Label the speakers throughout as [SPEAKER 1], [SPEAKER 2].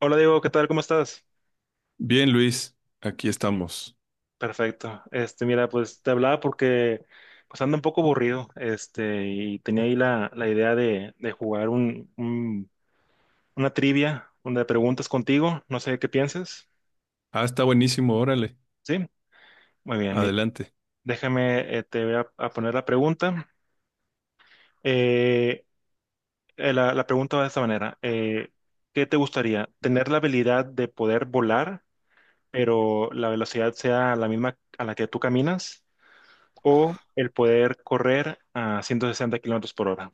[SPEAKER 1] Hola Diego, ¿qué tal? ¿Cómo estás?
[SPEAKER 2] Bien, Luis, aquí estamos.
[SPEAKER 1] Perfecto. Este, mira, pues te hablaba porque pues ando un poco aburrido, este, y tenía ahí la idea de jugar una trivia, una de preguntas contigo, no sé qué piensas.
[SPEAKER 2] Ah, está buenísimo, órale,
[SPEAKER 1] ¿Sí? Muy bien, mira,
[SPEAKER 2] adelante.
[SPEAKER 1] déjame, te voy a poner la pregunta. Eh, la pregunta va de esta manera. ¿Qué te gustaría? ¿Tener la habilidad de poder volar, pero la velocidad sea la misma a la que tú caminas, o el poder correr a 160 kilómetros por hora?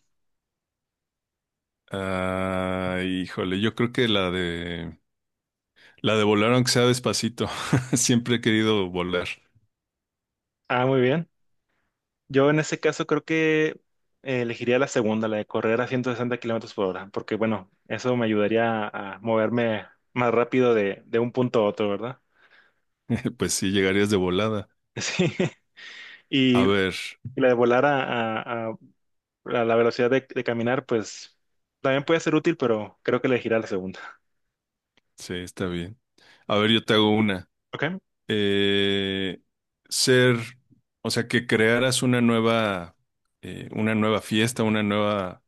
[SPEAKER 2] Ah, híjole, yo creo que la de volar aunque sea despacito. Siempre he querido volar.
[SPEAKER 1] Ah, muy bien. Yo en ese caso creo que elegiría la segunda, la de correr a 160 kilómetros por hora, porque bueno, eso me ayudaría a moverme más rápido de un punto a otro, ¿verdad?
[SPEAKER 2] Pues sí, llegarías de volada.
[SPEAKER 1] Sí.
[SPEAKER 2] A
[SPEAKER 1] Y
[SPEAKER 2] ver,
[SPEAKER 1] la de volar a- a- a la velocidad de caminar, pues también puede ser útil, pero creo que elegiría la segunda.
[SPEAKER 2] sí, está bien. A ver, yo te hago una.
[SPEAKER 1] ¿Ok?
[SPEAKER 2] Eh, ser, o sea, que crearas una nueva fiesta, una nueva,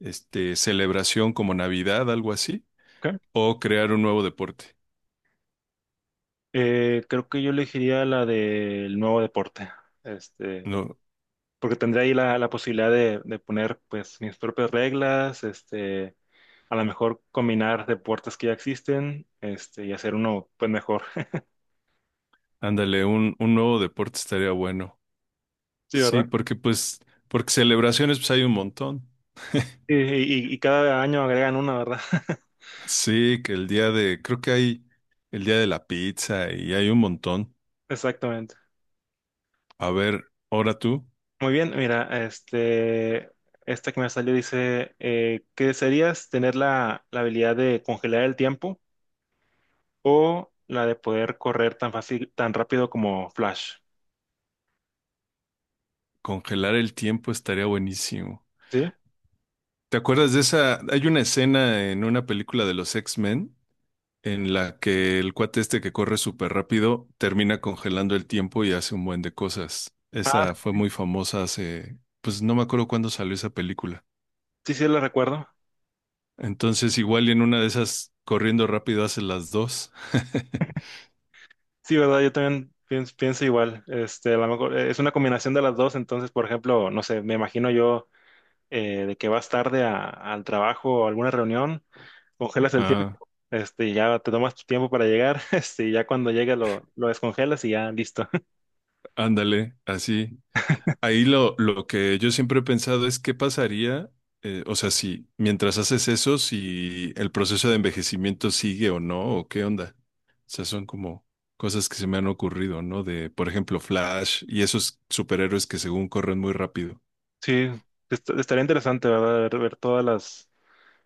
[SPEAKER 2] celebración como Navidad, algo así,
[SPEAKER 1] ¿Ok?
[SPEAKER 2] o crear un nuevo deporte.
[SPEAKER 1] Creo que yo elegiría la del nuevo deporte. Este,
[SPEAKER 2] No.
[SPEAKER 1] porque tendría ahí la posibilidad de poner pues mis propias reglas, este, a lo mejor combinar deportes que ya existen, este, y hacer uno pues mejor.
[SPEAKER 2] Ándale, un nuevo deporte estaría bueno.
[SPEAKER 1] Sí,
[SPEAKER 2] Sí,
[SPEAKER 1] ¿verdad?
[SPEAKER 2] porque pues, porque celebraciones pues hay un montón.
[SPEAKER 1] Y, y cada año agregan una, ¿verdad?
[SPEAKER 2] Sí, que el día de, creo que hay el día de la pizza y hay un montón.
[SPEAKER 1] Exactamente.
[SPEAKER 2] A ver, ahora tú,
[SPEAKER 1] Muy bien, mira, este, esta que me salió dice, ¿qué desearías? ¿Tener la habilidad de congelar el tiempo o la de poder correr tan fácil, tan rápido como Flash?
[SPEAKER 2] congelar el tiempo estaría buenísimo.
[SPEAKER 1] ¿Sí?
[SPEAKER 2] ¿Te acuerdas de esa? Hay una escena en una película de los X-Men en la que el cuate este que corre súper rápido termina congelando el tiempo y hace un buen de cosas.
[SPEAKER 1] Ah,
[SPEAKER 2] Esa fue muy famosa hace, pues no me acuerdo cuándo salió esa película.
[SPEAKER 1] sí, sí, la recuerdo.
[SPEAKER 2] Entonces, igual y en una de esas, corriendo rápido, hace las dos.
[SPEAKER 1] Sí, ¿verdad? Yo también pienso igual. Este, a lo mejor es una combinación de las dos. Entonces, por ejemplo, no sé, me imagino yo de que vas tarde al trabajo o alguna reunión, congelas el tiempo,
[SPEAKER 2] Ah,
[SPEAKER 1] este, y ya te tomas tu tiempo para llegar, este, y ya cuando llegue lo descongelas y ya listo.
[SPEAKER 2] ándale, así. Ahí lo que yo siempre he pensado es qué pasaría, o sea, si mientras haces eso, si el proceso de envejecimiento sigue o no, o qué onda. O sea, son como cosas que se me han ocurrido, ¿no? De, por ejemplo, Flash y esos superhéroes que según corren muy rápido.
[SPEAKER 1] Sí, estaría interesante, ¿verdad? Ver todas las,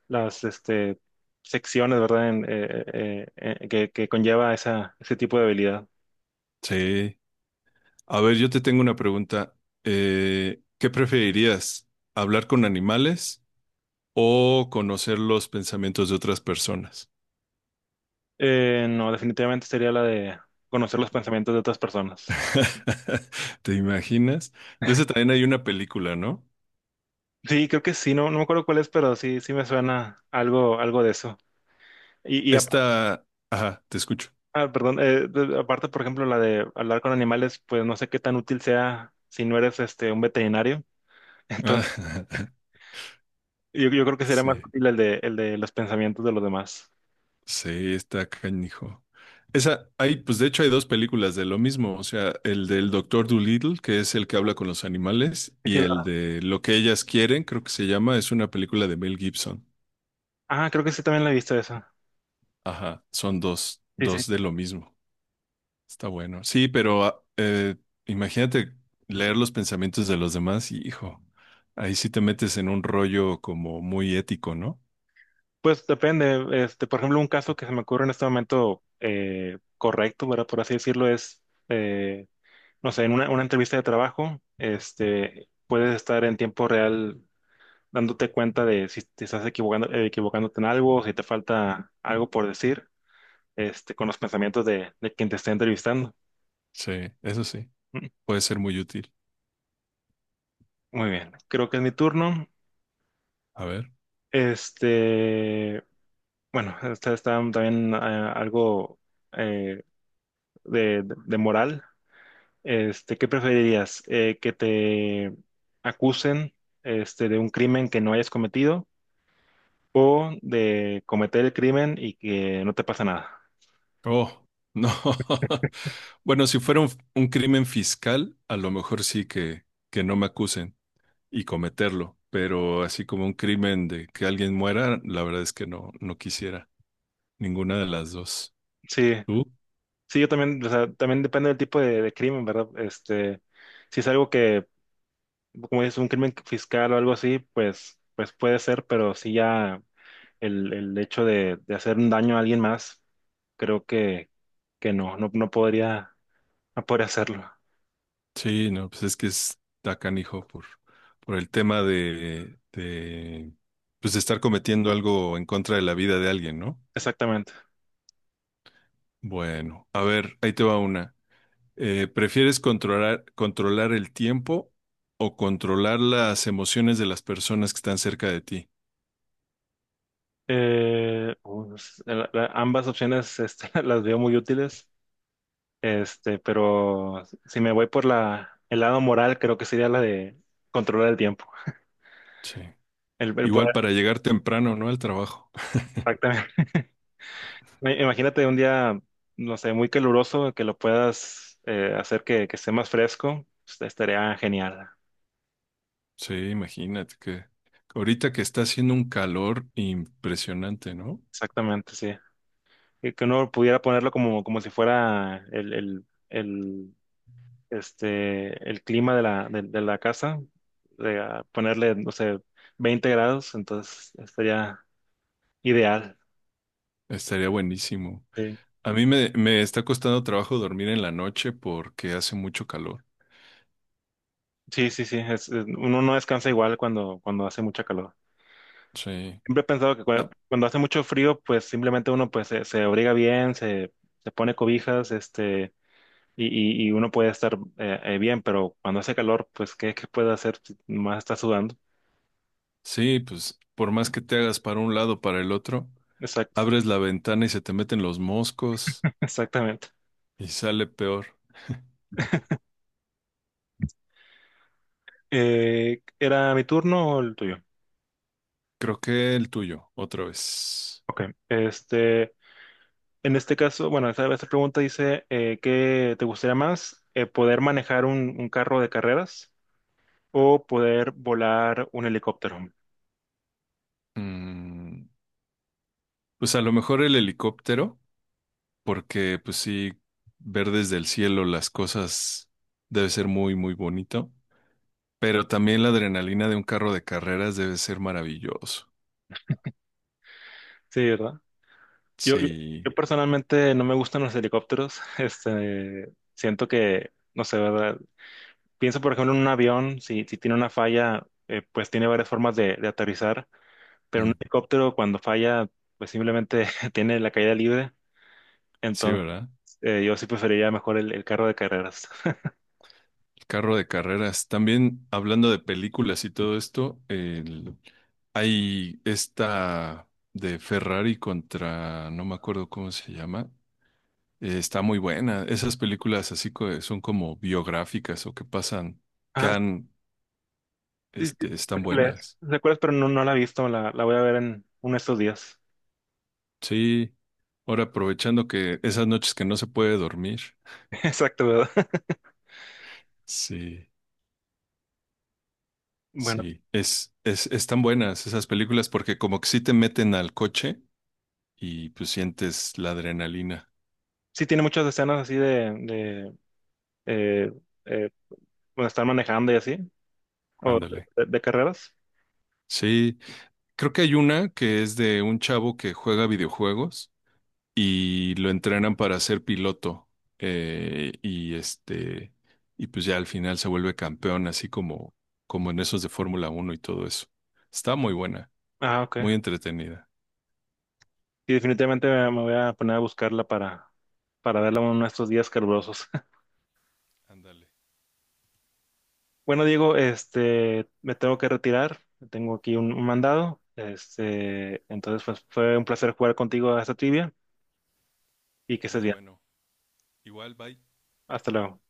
[SPEAKER 1] las este, secciones, ¿verdad? Que conlleva ese tipo de habilidad.
[SPEAKER 2] Sí. A ver, yo te tengo una pregunta. ¿Qué preferirías? ¿Hablar con animales o conocer los pensamientos de otras personas?
[SPEAKER 1] No, definitivamente sería la de conocer los pensamientos de otras personas.
[SPEAKER 2] ¿Te imaginas? De ese también hay una película, ¿no?
[SPEAKER 1] Sí, creo que sí, no, no me acuerdo cuál es, pero sí, sí me suena algo, algo de eso. Y,
[SPEAKER 2] Esta, ajá, te escucho.
[SPEAKER 1] perdón, aparte, por ejemplo, la de hablar con animales, pues no sé qué tan útil sea si no eres este un veterinario.
[SPEAKER 2] Ah,
[SPEAKER 1] Entonces, yo creo que sería
[SPEAKER 2] sí,
[SPEAKER 1] más útil el de los pensamientos de los demás.
[SPEAKER 2] sí, está canijo. Esa, hay, pues de hecho hay dos películas de lo mismo, o sea, el del Doctor Dolittle, que es el que habla con los animales,
[SPEAKER 1] Sí, sí,
[SPEAKER 2] y el de Lo que ellas quieren, creo que se llama, es una película de Mel Gibson.
[SPEAKER 1] ah, creo que sí también la he visto esa.
[SPEAKER 2] Ajá, son dos,
[SPEAKER 1] Sí, sí.
[SPEAKER 2] dos de lo mismo. Está bueno. Sí, pero imagínate leer los pensamientos de los demás y, hijo, ahí sí te metes en un rollo como muy ético, ¿no?
[SPEAKER 1] Pues depende, este, por ejemplo, un caso que se me ocurre en este momento correcto, ¿verdad? Por así decirlo, es eh, no sé, en una entrevista de trabajo, este, puedes estar en tiempo real dándote cuenta de si te estás equivocando, equivocándote en algo, si te falta algo por decir, este, con los pensamientos de quien te está entrevistando.
[SPEAKER 2] Sí, eso sí,
[SPEAKER 1] Mm.
[SPEAKER 2] puede ser muy útil.
[SPEAKER 1] Muy bien, creo que es mi turno.
[SPEAKER 2] A ver.
[SPEAKER 1] Este, bueno, esta está también algo eh, moral. Este, ¿qué preferirías? ¿Que te acusen este, de un crimen que no hayas cometido, o de cometer el crimen y que no te pasa nada?
[SPEAKER 2] Oh, no. Bueno, si fuera un crimen fiscal, a lo mejor sí que no me acusen y cometerlo, pero así como un crimen de que alguien muera, la verdad es que no, no quisiera ninguna de las dos.
[SPEAKER 1] Sí,
[SPEAKER 2] ¿Tú?
[SPEAKER 1] sí, yo también, o sea, también depende del tipo de crimen, ¿verdad? Este, si es algo que, como es un crimen fiscal o algo así, pues, pues puede ser, pero sí ya el hecho de hacer un daño a alguien más, creo que no, no podría, no podría hacerlo.
[SPEAKER 2] Sí, no, pues es que está canijo por el tema de pues de estar cometiendo algo en contra de la vida de alguien, ¿no?
[SPEAKER 1] Exactamente.
[SPEAKER 2] Bueno, a ver, ahí te va una. ¿Prefieres controlar el tiempo o controlar las emociones de las personas que están cerca de ti?
[SPEAKER 1] Pues, ambas opciones, este, las veo muy útiles, este, pero si me voy por el lado moral, creo que sería la de controlar el tiempo,
[SPEAKER 2] Sí.
[SPEAKER 1] el
[SPEAKER 2] Igual
[SPEAKER 1] poder,
[SPEAKER 2] para llegar temprano, ¿no? Al trabajo.
[SPEAKER 1] exactamente. Imagínate un día, no sé, muy caluroso, que lo puedas hacer que esté más fresco. Estaría genial.
[SPEAKER 2] Sí, imagínate que ahorita que está haciendo un calor impresionante, ¿no?
[SPEAKER 1] Exactamente, sí. Y que uno pudiera ponerlo como, como si fuera el clima de de la casa, de, ah, ponerle, no sé, 20 grados. Entonces estaría ideal.
[SPEAKER 2] Estaría buenísimo.
[SPEAKER 1] Sí,
[SPEAKER 2] A mí me está costando trabajo dormir en la noche porque hace mucho calor.
[SPEAKER 1] sí, sí, sí, uno no descansa igual cuando, cuando hace mucha calor.
[SPEAKER 2] Sí.
[SPEAKER 1] Siempre he pensado que
[SPEAKER 2] Ah,
[SPEAKER 1] cuando hace mucho frío, pues simplemente uno pues se abriga bien, se pone cobijas, este, y, y uno puede estar bien, pero cuando hace calor, pues ¿qué, qué puede hacer si más está sudando?
[SPEAKER 2] sí, pues por más que te hagas para un lado, o para el otro,
[SPEAKER 1] Exacto,
[SPEAKER 2] abres la ventana y se te meten los moscos
[SPEAKER 1] exactamente.
[SPEAKER 2] y sale peor.
[SPEAKER 1] ¿Era mi turno o el tuyo?
[SPEAKER 2] Creo que el tuyo, otra vez.
[SPEAKER 1] Ok, este, en este caso, bueno, esta pregunta dice, ¿qué te gustaría más? ¿Poder manejar un carro de carreras o poder volar un helicóptero?
[SPEAKER 2] Mm, pues a lo mejor el helicóptero, porque pues sí, ver desde el cielo las cosas debe ser muy, muy bonito. Pero también la adrenalina de un carro de carreras debe ser maravilloso.
[SPEAKER 1] Sí, ¿verdad? Yo,
[SPEAKER 2] Sí.
[SPEAKER 1] yo personalmente no me gustan los helicópteros. Este, siento que, no sé, ¿verdad? Pienso, por ejemplo, en un avión, si, si tiene una falla, pues tiene varias formas de aterrizar, pero un
[SPEAKER 2] Mm.
[SPEAKER 1] helicóptero cuando falla, pues simplemente tiene la caída libre.
[SPEAKER 2] Sí,
[SPEAKER 1] Entonces,
[SPEAKER 2] ¿verdad?
[SPEAKER 1] yo sí preferiría mejor el carro de carreras.
[SPEAKER 2] El carro de carreras. También hablando de películas y todo esto, el- hay esta de Ferrari contra, no me acuerdo cómo se llama. Está muy buena. Esas películas así co- son como biográficas o que pasan, que
[SPEAKER 1] Ah,
[SPEAKER 2] han,
[SPEAKER 1] sí, sí,
[SPEAKER 2] este, están buenas.
[SPEAKER 1] sé cuál es, pero no, no la he visto, la voy a ver en uno de estos días.
[SPEAKER 2] Sí. Ahora aprovechando que esas noches que no se puede dormir.
[SPEAKER 1] Exacto, ¿verdad?
[SPEAKER 2] Sí,
[SPEAKER 1] Bueno,
[SPEAKER 2] sí. Están buenas esas películas porque como que sí te meten al coche y pues sientes la adrenalina.
[SPEAKER 1] sí tiene muchas escenas así de eh, eh, bueno, estar manejando y así. ¿O
[SPEAKER 2] Ándale.
[SPEAKER 1] de carreras?
[SPEAKER 2] Sí, creo que hay una que es de un chavo que juega videojuegos y lo entrenan para ser piloto. Y este, y pues ya al final se vuelve campeón, así como, como en esos de Fórmula 1 y todo eso. Está muy buena,
[SPEAKER 1] Ah, ok.
[SPEAKER 2] muy entretenida.
[SPEAKER 1] Y definitivamente me voy a poner a buscarla para verla uno de estos días calurosos.
[SPEAKER 2] Ándale,
[SPEAKER 1] Bueno, Diego, este, me tengo que retirar. Tengo aquí un mandado. Este, entonces, pues fue un placer jugar contigo a esta trivia y que estés
[SPEAKER 2] muy
[SPEAKER 1] bien.
[SPEAKER 2] bueno. Igual, bye.
[SPEAKER 1] Hasta luego.